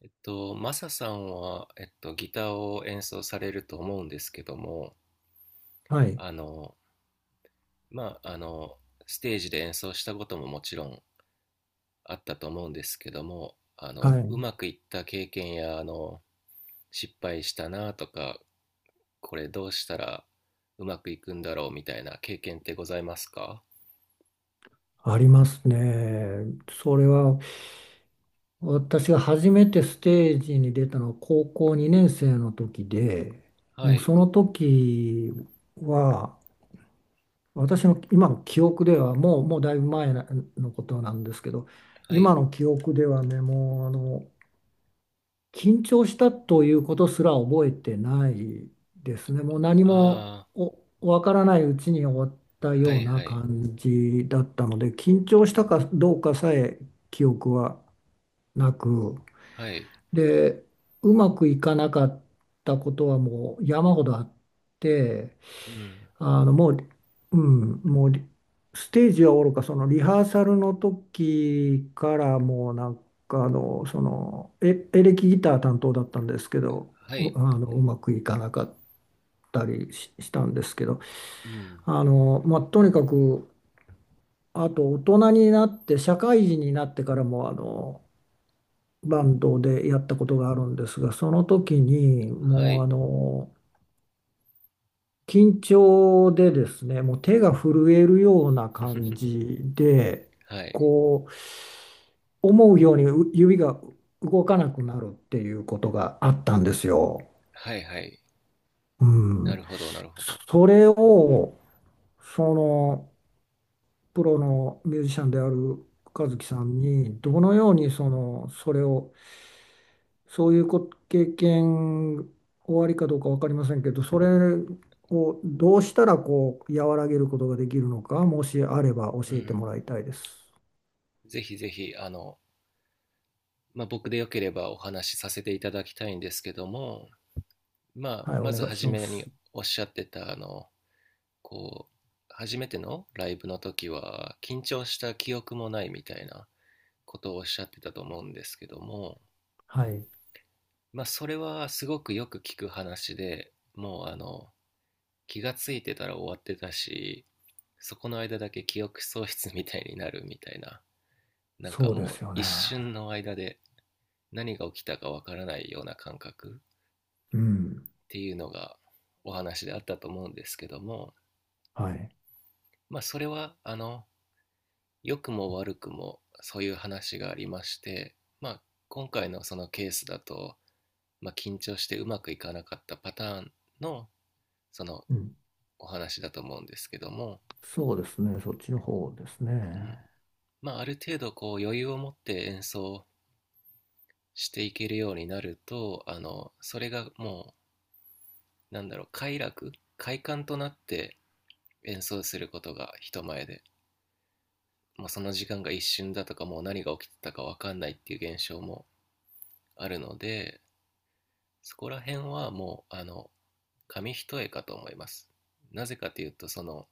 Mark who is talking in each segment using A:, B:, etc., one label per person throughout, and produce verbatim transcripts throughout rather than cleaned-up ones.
A: えっと、マサさんは、えっと、ギターを演奏されると思うんですけども、
B: はい、
A: あの、まあ、あの、ステージで演奏したことももちろんあったと思うんですけども、あ
B: は
A: の、う
B: い、
A: まくいった経験や、あの、失敗したなとか、これどうしたらうまくいくんだろうみたいな経験ってございますか？
B: ありますね。それは私が初めてステージに出たのは高校にねん生の時で、
A: は
B: もう
A: い、
B: その時は私の今の記憶ではもう、もうだいぶ前のことなんですけど、
A: はい、
B: 今の記憶ではね、もうあの緊張したということすら覚えてないですね。もう何も
A: あ
B: おわからないうちに終わった
A: あ、は
B: よう
A: い、
B: な
A: はい、
B: 感じだったので、緊張したかどうかさえ記憶はなく、
A: はい、
B: で、うまくいかなかったことはもう山ほどあって、
A: うん、
B: あのもう、うん、もうリステージはおろか、そのリハーサルの時からもうなんかあの、そのエ、エレキギター担当だったんですけど、
A: は
B: う
A: い、
B: あのうまくいかなかったりし、したんですけど、
A: うん、
B: あの、まあ、とにかく、あと大人になって、社会人になってからもあのバンドでやったことがあるんですが、その時に
A: は
B: もうあ
A: い、
B: の、緊張でですね、もう手が震えるような感 じで、
A: はい、
B: こう、思うようにう指が動かなくなるっていうことがあったんですよ。
A: はい、はい、
B: う
A: な
B: ん。
A: るほど、なるほど。
B: それを、その、プロのミュージシャンである和樹さんに、どのようにその、それをそういうこ経験、終わりかどうか分かりませんけど、それをどうしたらこう和らげることができるのか、もしあれば教
A: う
B: えて
A: ん。
B: もらいたいです。
A: ぜひぜひ、あの、まあ、僕でよければお話しさせていただきたいんですけども、まあ、
B: はい、お
A: まず
B: 願いし
A: 初
B: ま
A: めに
B: す。
A: おっしゃってた、あの、こう、初めてのライブの時は、緊張した記憶もないみたいなことをおっしゃってたと思うんですけども、
B: はい、
A: まあ、それはすごくよく聞く話で、もう、あの、気がついてたら終わってたし、そこの間だけ記憶喪失みたいになるみたいな、なんか
B: そうで
A: も
B: す
A: う
B: よ
A: 一
B: ね。
A: 瞬の間で何が起きたかわからないような感覚っ
B: うん、
A: ていうのがお話であったと思うんですけども、
B: はい、
A: まあ、それはあの良くも悪くもそういう話がありまして、まあ、今回のそのケースだと、まあ、緊張してうまくいかなかったパターンのその
B: うん、
A: お話だと思うんですけども、
B: そうですね、そっちの方です
A: うん。
B: ね。
A: まあ、ある程度こう余裕を持って演奏していけるようになるとあのそれがもうなんだろう快楽快感となって演奏することが人前でもうその時間が一瞬だとかもう何が起きてたか分かんないっていう現象もあるので、そこら辺はもうあの紙一重かと思います。なぜかというとその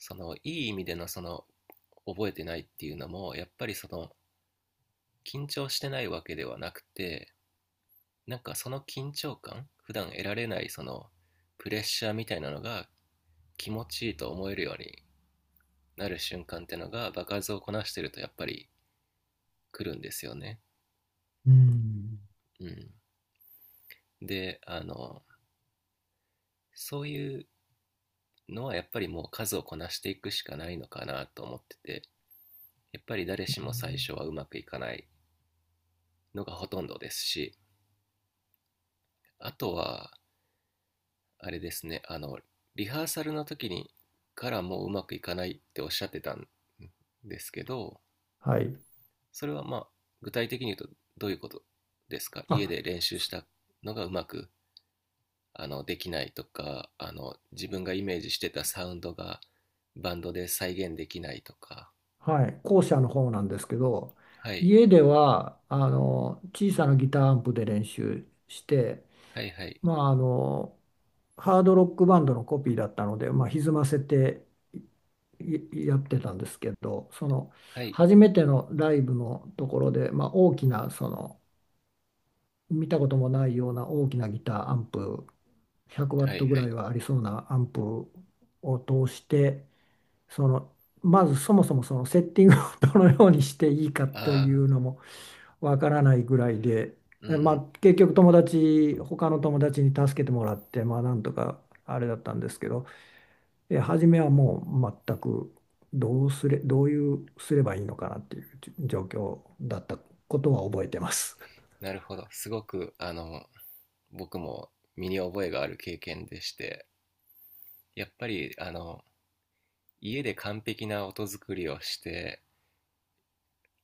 A: そのいい意味でのその覚えてないっていうのもやっぱりその緊張してないわけではなくて、なんかその緊張感普段得られないそのプレッシャーみたいなのが気持ちいいと思えるようになる瞬間ってのが場数をこなしてるとやっぱり来るんですよね。
B: うん、
A: うん。で、あのそういうのはやっぱりもう数をこなしていくしかないのかなと思ってて、やっぱり誰しも最初はうまくいかないのがほとんどですし、あとはあれですね、あのリハーサルの時にからもううまくいかないっておっしゃってたんですけど、
B: はい、
A: それはまあ具体的に言うとどういうことですか？家
B: あ、
A: で練習し
B: す
A: たのがうまくあのできないとか、あの自分がイメージしてたサウンドがバンドで再現できないとか、
B: はい、校舎の方なんですけど、
A: はい、
B: 家ではあの小さなギターアンプで練習して、
A: はい、はい、
B: まあ、あの、ハードロックバンドのコピーだったので、まあ、歪ませていやってたんですけど、その
A: はい、
B: 初めてのライブのところで、まあ、大きな、その見たこともないような大きなギターアンプ、ひゃくワ
A: は
B: ット
A: い、
B: ぐ
A: は
B: らい
A: い、
B: はありそうなアンプを通して、そのまずそもそもそのセッティングを どのようにしていいかとい
A: ああ
B: うのもわからないぐらいで、
A: ー、う
B: えまあ、
A: ん。
B: 結局友達他の友達に助けてもらってまあなんとかあれだったんですけど、え初めはもう全くどうすれ、どういうすればいいのかなっていう状況だったことは覚えてます。
A: なるほど。すごくあの僕も身に覚えがある経験でして、やっぱりあの家で完璧な音作りをして、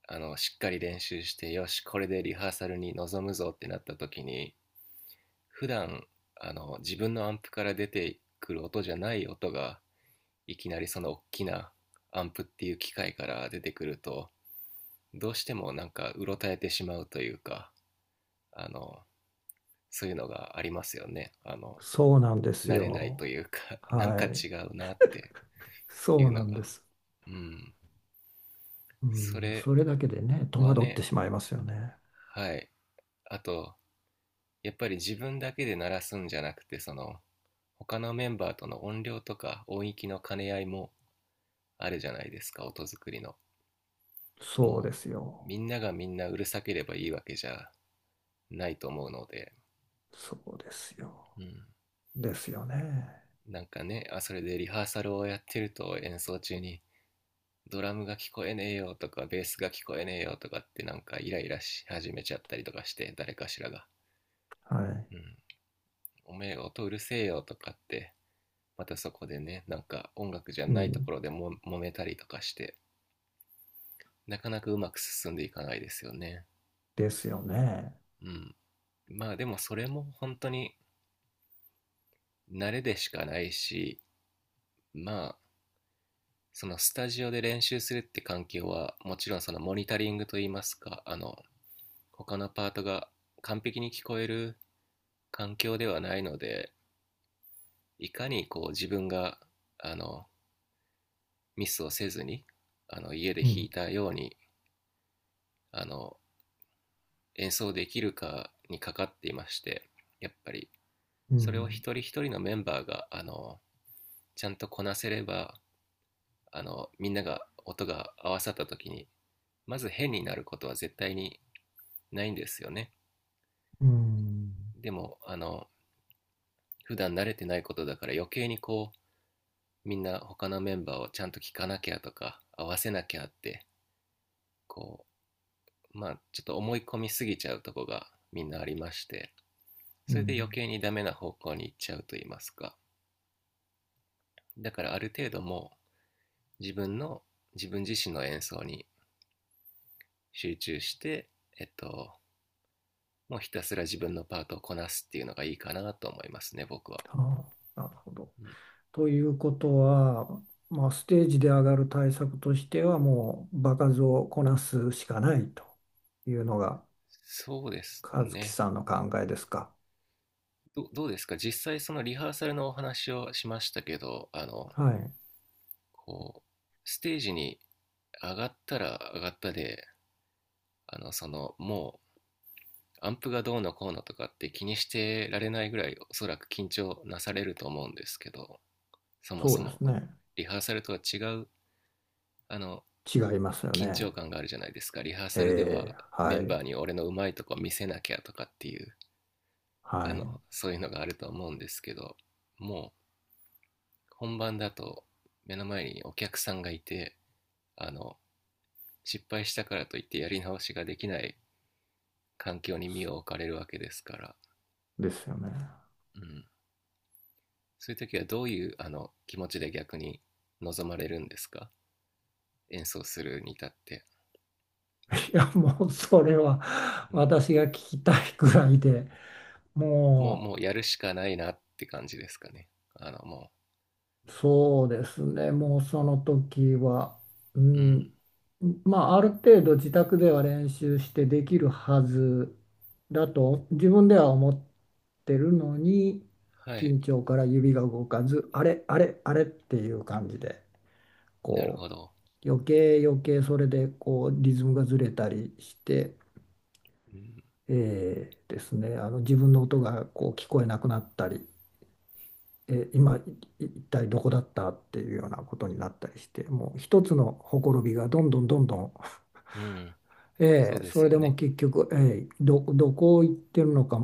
A: あのしっかり練習して、よしこれでリハーサルに臨むぞってなった時に、普段あの自分のアンプから出てくる音じゃない音がいきなりその大きなアンプっていう機械から出てくると、どうしてもなんかうろたえてしまうというか、あのそういうのがありますよね。あの
B: そうなんです
A: 慣れないと
B: よ。
A: いうか、 なん
B: は
A: か
B: い。
A: 違うなってい
B: そ
A: う
B: うな
A: の
B: ん
A: が。
B: です。
A: うん。
B: う
A: そ
B: ん、
A: れ
B: それだけでね、戸
A: は
B: 惑って
A: ね。
B: しまいますよね。
A: はい。あと、やっぱり自分だけで鳴らすんじゃなくて、その他のメンバーとの音量とか音域の兼ね合いもあるじゃないですか、音作りの。
B: そう
A: も
B: です
A: う
B: よ。
A: みんながみんなうるさければいいわけじゃないと思うので、
B: そうですよ。
A: うん、
B: ですよね。
A: なんかね、あ、それでリハーサルをやってると演奏中にドラムが聞こえねえよとかベースが聞こえねえよとかってなんかイライラし始めちゃったりとかして、誰かしらが、
B: は
A: うん、おめえ音うるせえよとかって、またそこでね、なんか音楽じゃ
B: い。う
A: ないと
B: ん。
A: ころでも揉めたりとかして、なかなかうまく進んでいかないですよね。
B: ですよね。
A: うん。まあでもそれも本当に慣れでしかないし、まあそのスタジオで練習するって環境は、もちろんそのモニタリングといいますか、あの、他のパートが完璧に聞こえる環境ではないので、いかにこう自分が、あの、ミスをせずに、あの、家で
B: う
A: 弾い
B: ん。
A: たように、あの、演奏できるかにかかっていまして、やっぱり、
B: う
A: それを
B: ん。
A: 一人一人のメンバーが、あの、ちゃんとこなせれば、あの、みんなが音が合わさった時に、まず変になることは絶対にないんですよね。
B: うん。
A: でも、あの、普段慣れてないことだから余計にこう、みんな他のメンバーをちゃんと聞かなきゃとか、合わせなきゃって、こう、まあ、ちょっと思い込みすぎちゃうとこがみんなありまして、
B: う
A: それで余
B: ん。
A: 計にダメな方向に行っちゃうと言いますか。だからある程度もう自分の、自分自身の演奏に集中して、えっと、もうひたすら自分のパートをこなすっていうのがいいかなと思いますね、僕は。
B: ああ、なるほど。
A: うん。
B: ということは、まあ、ステージで上がる対策としては、もう場数をこなすしかないというのが、
A: そうです
B: 和樹
A: ね。
B: さんの考えですか？
A: ど、どうですか、実際そのリハーサルのお話をしましたけど、あの、
B: はい。
A: こう、ステージに上がったら上がったで、あの、その、もう、アンプがどうのこうのとかって気にしてられないぐらい、おそらく緊張なされると思うんですけど、そも
B: そ
A: そ
B: うで
A: も、
B: すね。
A: リハーサルとは違う、あの、
B: 違いますよ
A: 緊
B: ね。
A: 張感があるじゃないですか。リハーサルで
B: え
A: は
B: え、
A: メ
B: は
A: ン
B: い。
A: バーに俺のうまいとこ見せなきゃとかっていう、
B: は
A: あ
B: い。
A: の、そういうのがあると思うんですけど、も本番だと目の前にお客さんがいて、あの失敗したからといってやり直しができない環境に身を置かれるわけですから、
B: ですよね。
A: うん、そういう時はどういうあの気持ちで逆に望まれるんですか、演奏するに至って。
B: いや、もうそれは
A: うん、
B: 私が聞きたいくらいで、
A: もう
B: も
A: もうやるしかないなって感じですかね、あのも
B: うそうですね、もうその時は、う
A: う。うん。
B: ん、まあある程度自宅では練習してできるはずだと自分では思ってるのに、
A: はい。
B: 緊張から指が動かず、あれ、あれ、あれっていう感じで、
A: なる
B: こ
A: ほど。
B: う、余計余計それでこうリズムがずれたりして、
A: うん、
B: えーですね、あの自分の音がこう聞こえなくなったり、えー今い一体どこだったっていうようなことになったりして、もう一つのほころびがどんどんどんどん、
A: うん、そう
B: えー
A: で
B: そ
A: す
B: れ
A: よ
B: でもう
A: ね。
B: 結局、えーど、どこ行ってるのか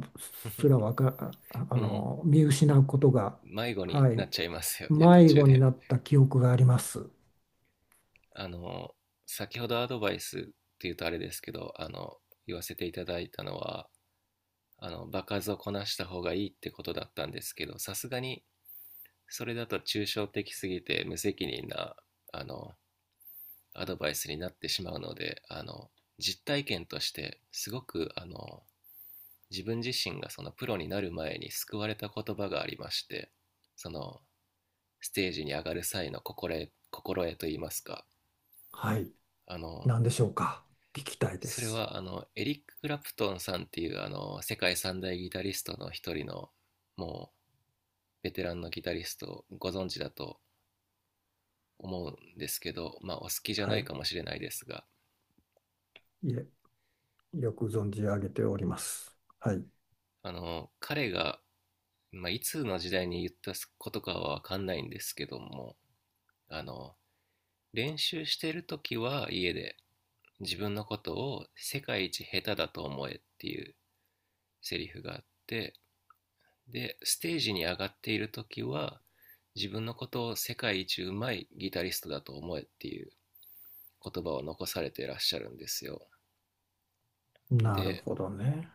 B: すらわか、ああ
A: うん、
B: の見失うことが、
A: 迷子に
B: は
A: なっ
B: い、
A: ちゃいますよね、途
B: 迷
A: 中
B: 子に
A: で。
B: なった記憶があります。
A: あの、先ほどアドバイスっていうとあれですけど、あの、言わせていただいたのは、あの、場数をこなした方がいいってことだったんですけど、さすがにそれだと抽象的すぎて無責任な、あの、アドバイスになってしまうので、あの、実体験としてすごく、あの、自分自身がそのプロになる前に救われた言葉がありまして、その、ステージに上がる際の心得、心得といいますか、
B: はい、
A: あの、
B: 何でしょうか？聞きたいで
A: それ
B: す。
A: はあのエリック・クラプトンさんっていうあの世界三大ギタリストの一人のもうベテランのギタリストをご存知だと思うんですけど、まあ、お好きじゃ
B: は
A: ない
B: い、
A: かもしれないですが。
B: いえ、よく存じ上げております。はい。
A: あの彼が、まあ、いつの時代に言ったことかは分かんないんですけども、あの練習してる時は家で、自分のことを世界一下手だと思えっていうセリフがあって、で、ステージに上がっている時は、自分のことを世界一うまいギタリストだと思えっていう言葉を残されていらっしゃるんですよ。
B: なる
A: で、
B: ほどね。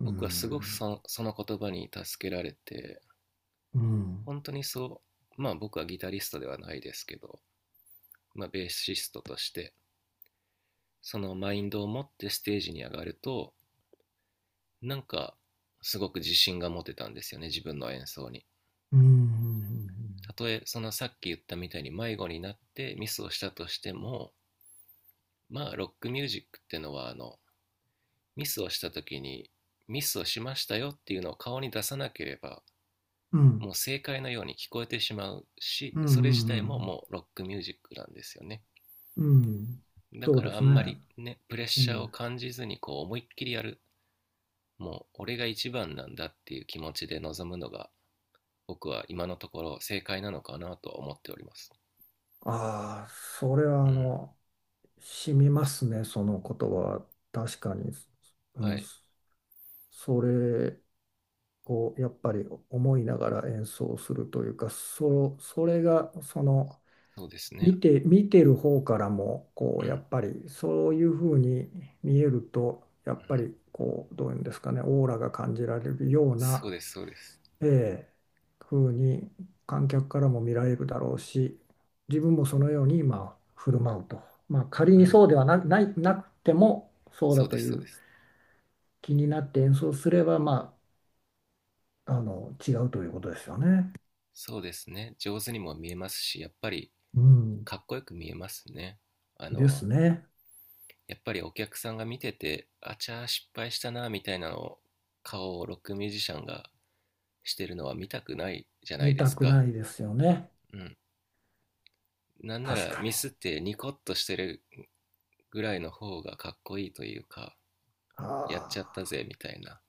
B: う
A: 僕はすごく
B: ん。
A: そのその言葉に助けられて、
B: うん。
A: 本当にそう、まあ僕はギタリストではないですけど、まあベーシストとして、そのマインドを持ってステージに上がると、なんかすごく自信が持てたんですよね、自分の演奏に。
B: うん。
A: たとえそのさっき言ったみたいに迷子になってミスをしたとしても、まあロックミュージックってのはあのミスをした時にミスをしましたよっていうのを顔に出さなければ、
B: うん。
A: もう正解のように聞こえてしまうし、
B: うん。う
A: それ自体も
B: ん。
A: もうロックミュージックなんですよね。
B: うん
A: だ
B: そう
A: か
B: で
A: らあ
B: す
A: んま
B: ね。
A: りね、プレッ
B: う
A: シャーを
B: ん。
A: 感じずにこう思いっきりやる、もう俺が一番なんだっていう気持ちで臨むのが僕は今のところ正解なのかなと思っております。
B: ああ、それ
A: う
B: はあ
A: ん。
B: の、染みますね、その言葉。確かに。う
A: は
B: ん。
A: い。
B: それをやっぱり思いながら演奏するというか、そ、それがその、
A: そうですね。
B: 見て、見てる方からもこ
A: うん、
B: う
A: う
B: や
A: ん、
B: っぱりそういうふうに見えるとやっぱりこうどういうんですかねオーラが感じられるよう
A: そう
B: な、
A: ですそうです。
B: ええ、ふうに観客からも見られるだろうし自分もそのように今振る舞うと、まあ、仮
A: う
B: に
A: ん。
B: そうではな、ない、なくてもそう
A: そ
B: だ
A: うで
B: と
A: す
B: い
A: そうで
B: う
A: す。
B: 気になって演奏すれば、まあ、あの違うということですよね。
A: そうですね。上手にも見えますし、やっぱり
B: うん、
A: かっこよく見えますね。あ
B: で
A: の、
B: すね。
A: やっぱりお客さんが見てて、あちゃー失敗したなみたいなのを顔をロックミュージシャンがしてるのは見たくないじゃない
B: 見
A: で
B: た
A: す
B: くな
A: か。
B: いですよね。
A: うん。なんな
B: 確
A: ら
B: かに。
A: ミスってニコッとしてるぐらいの方がかっこいいというか、
B: あ
A: やっちゃった
B: あ。
A: ぜみたいな。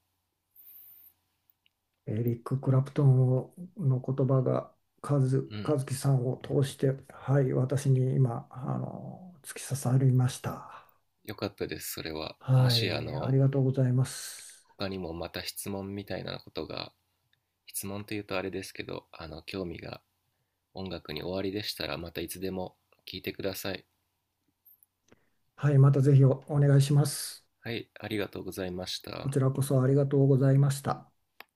B: エリック・クラプトンをの言葉が和、
A: うん。
B: 和樹さんを通して、はい、私に今、あの、突き刺さりました。
A: よかったです、それは。も
B: は
A: しあ
B: い、あ
A: の、
B: りがとうございます。
A: 他にもまた質問みたいなことが、質問というとあれですけど、あの、興味が音楽に終わりでしたらまたいつでも聞いてください。
B: はい、またぜひおお願いします。
A: はい、ありがとうございまし
B: こ
A: た。
B: ちらこそありがとうございました。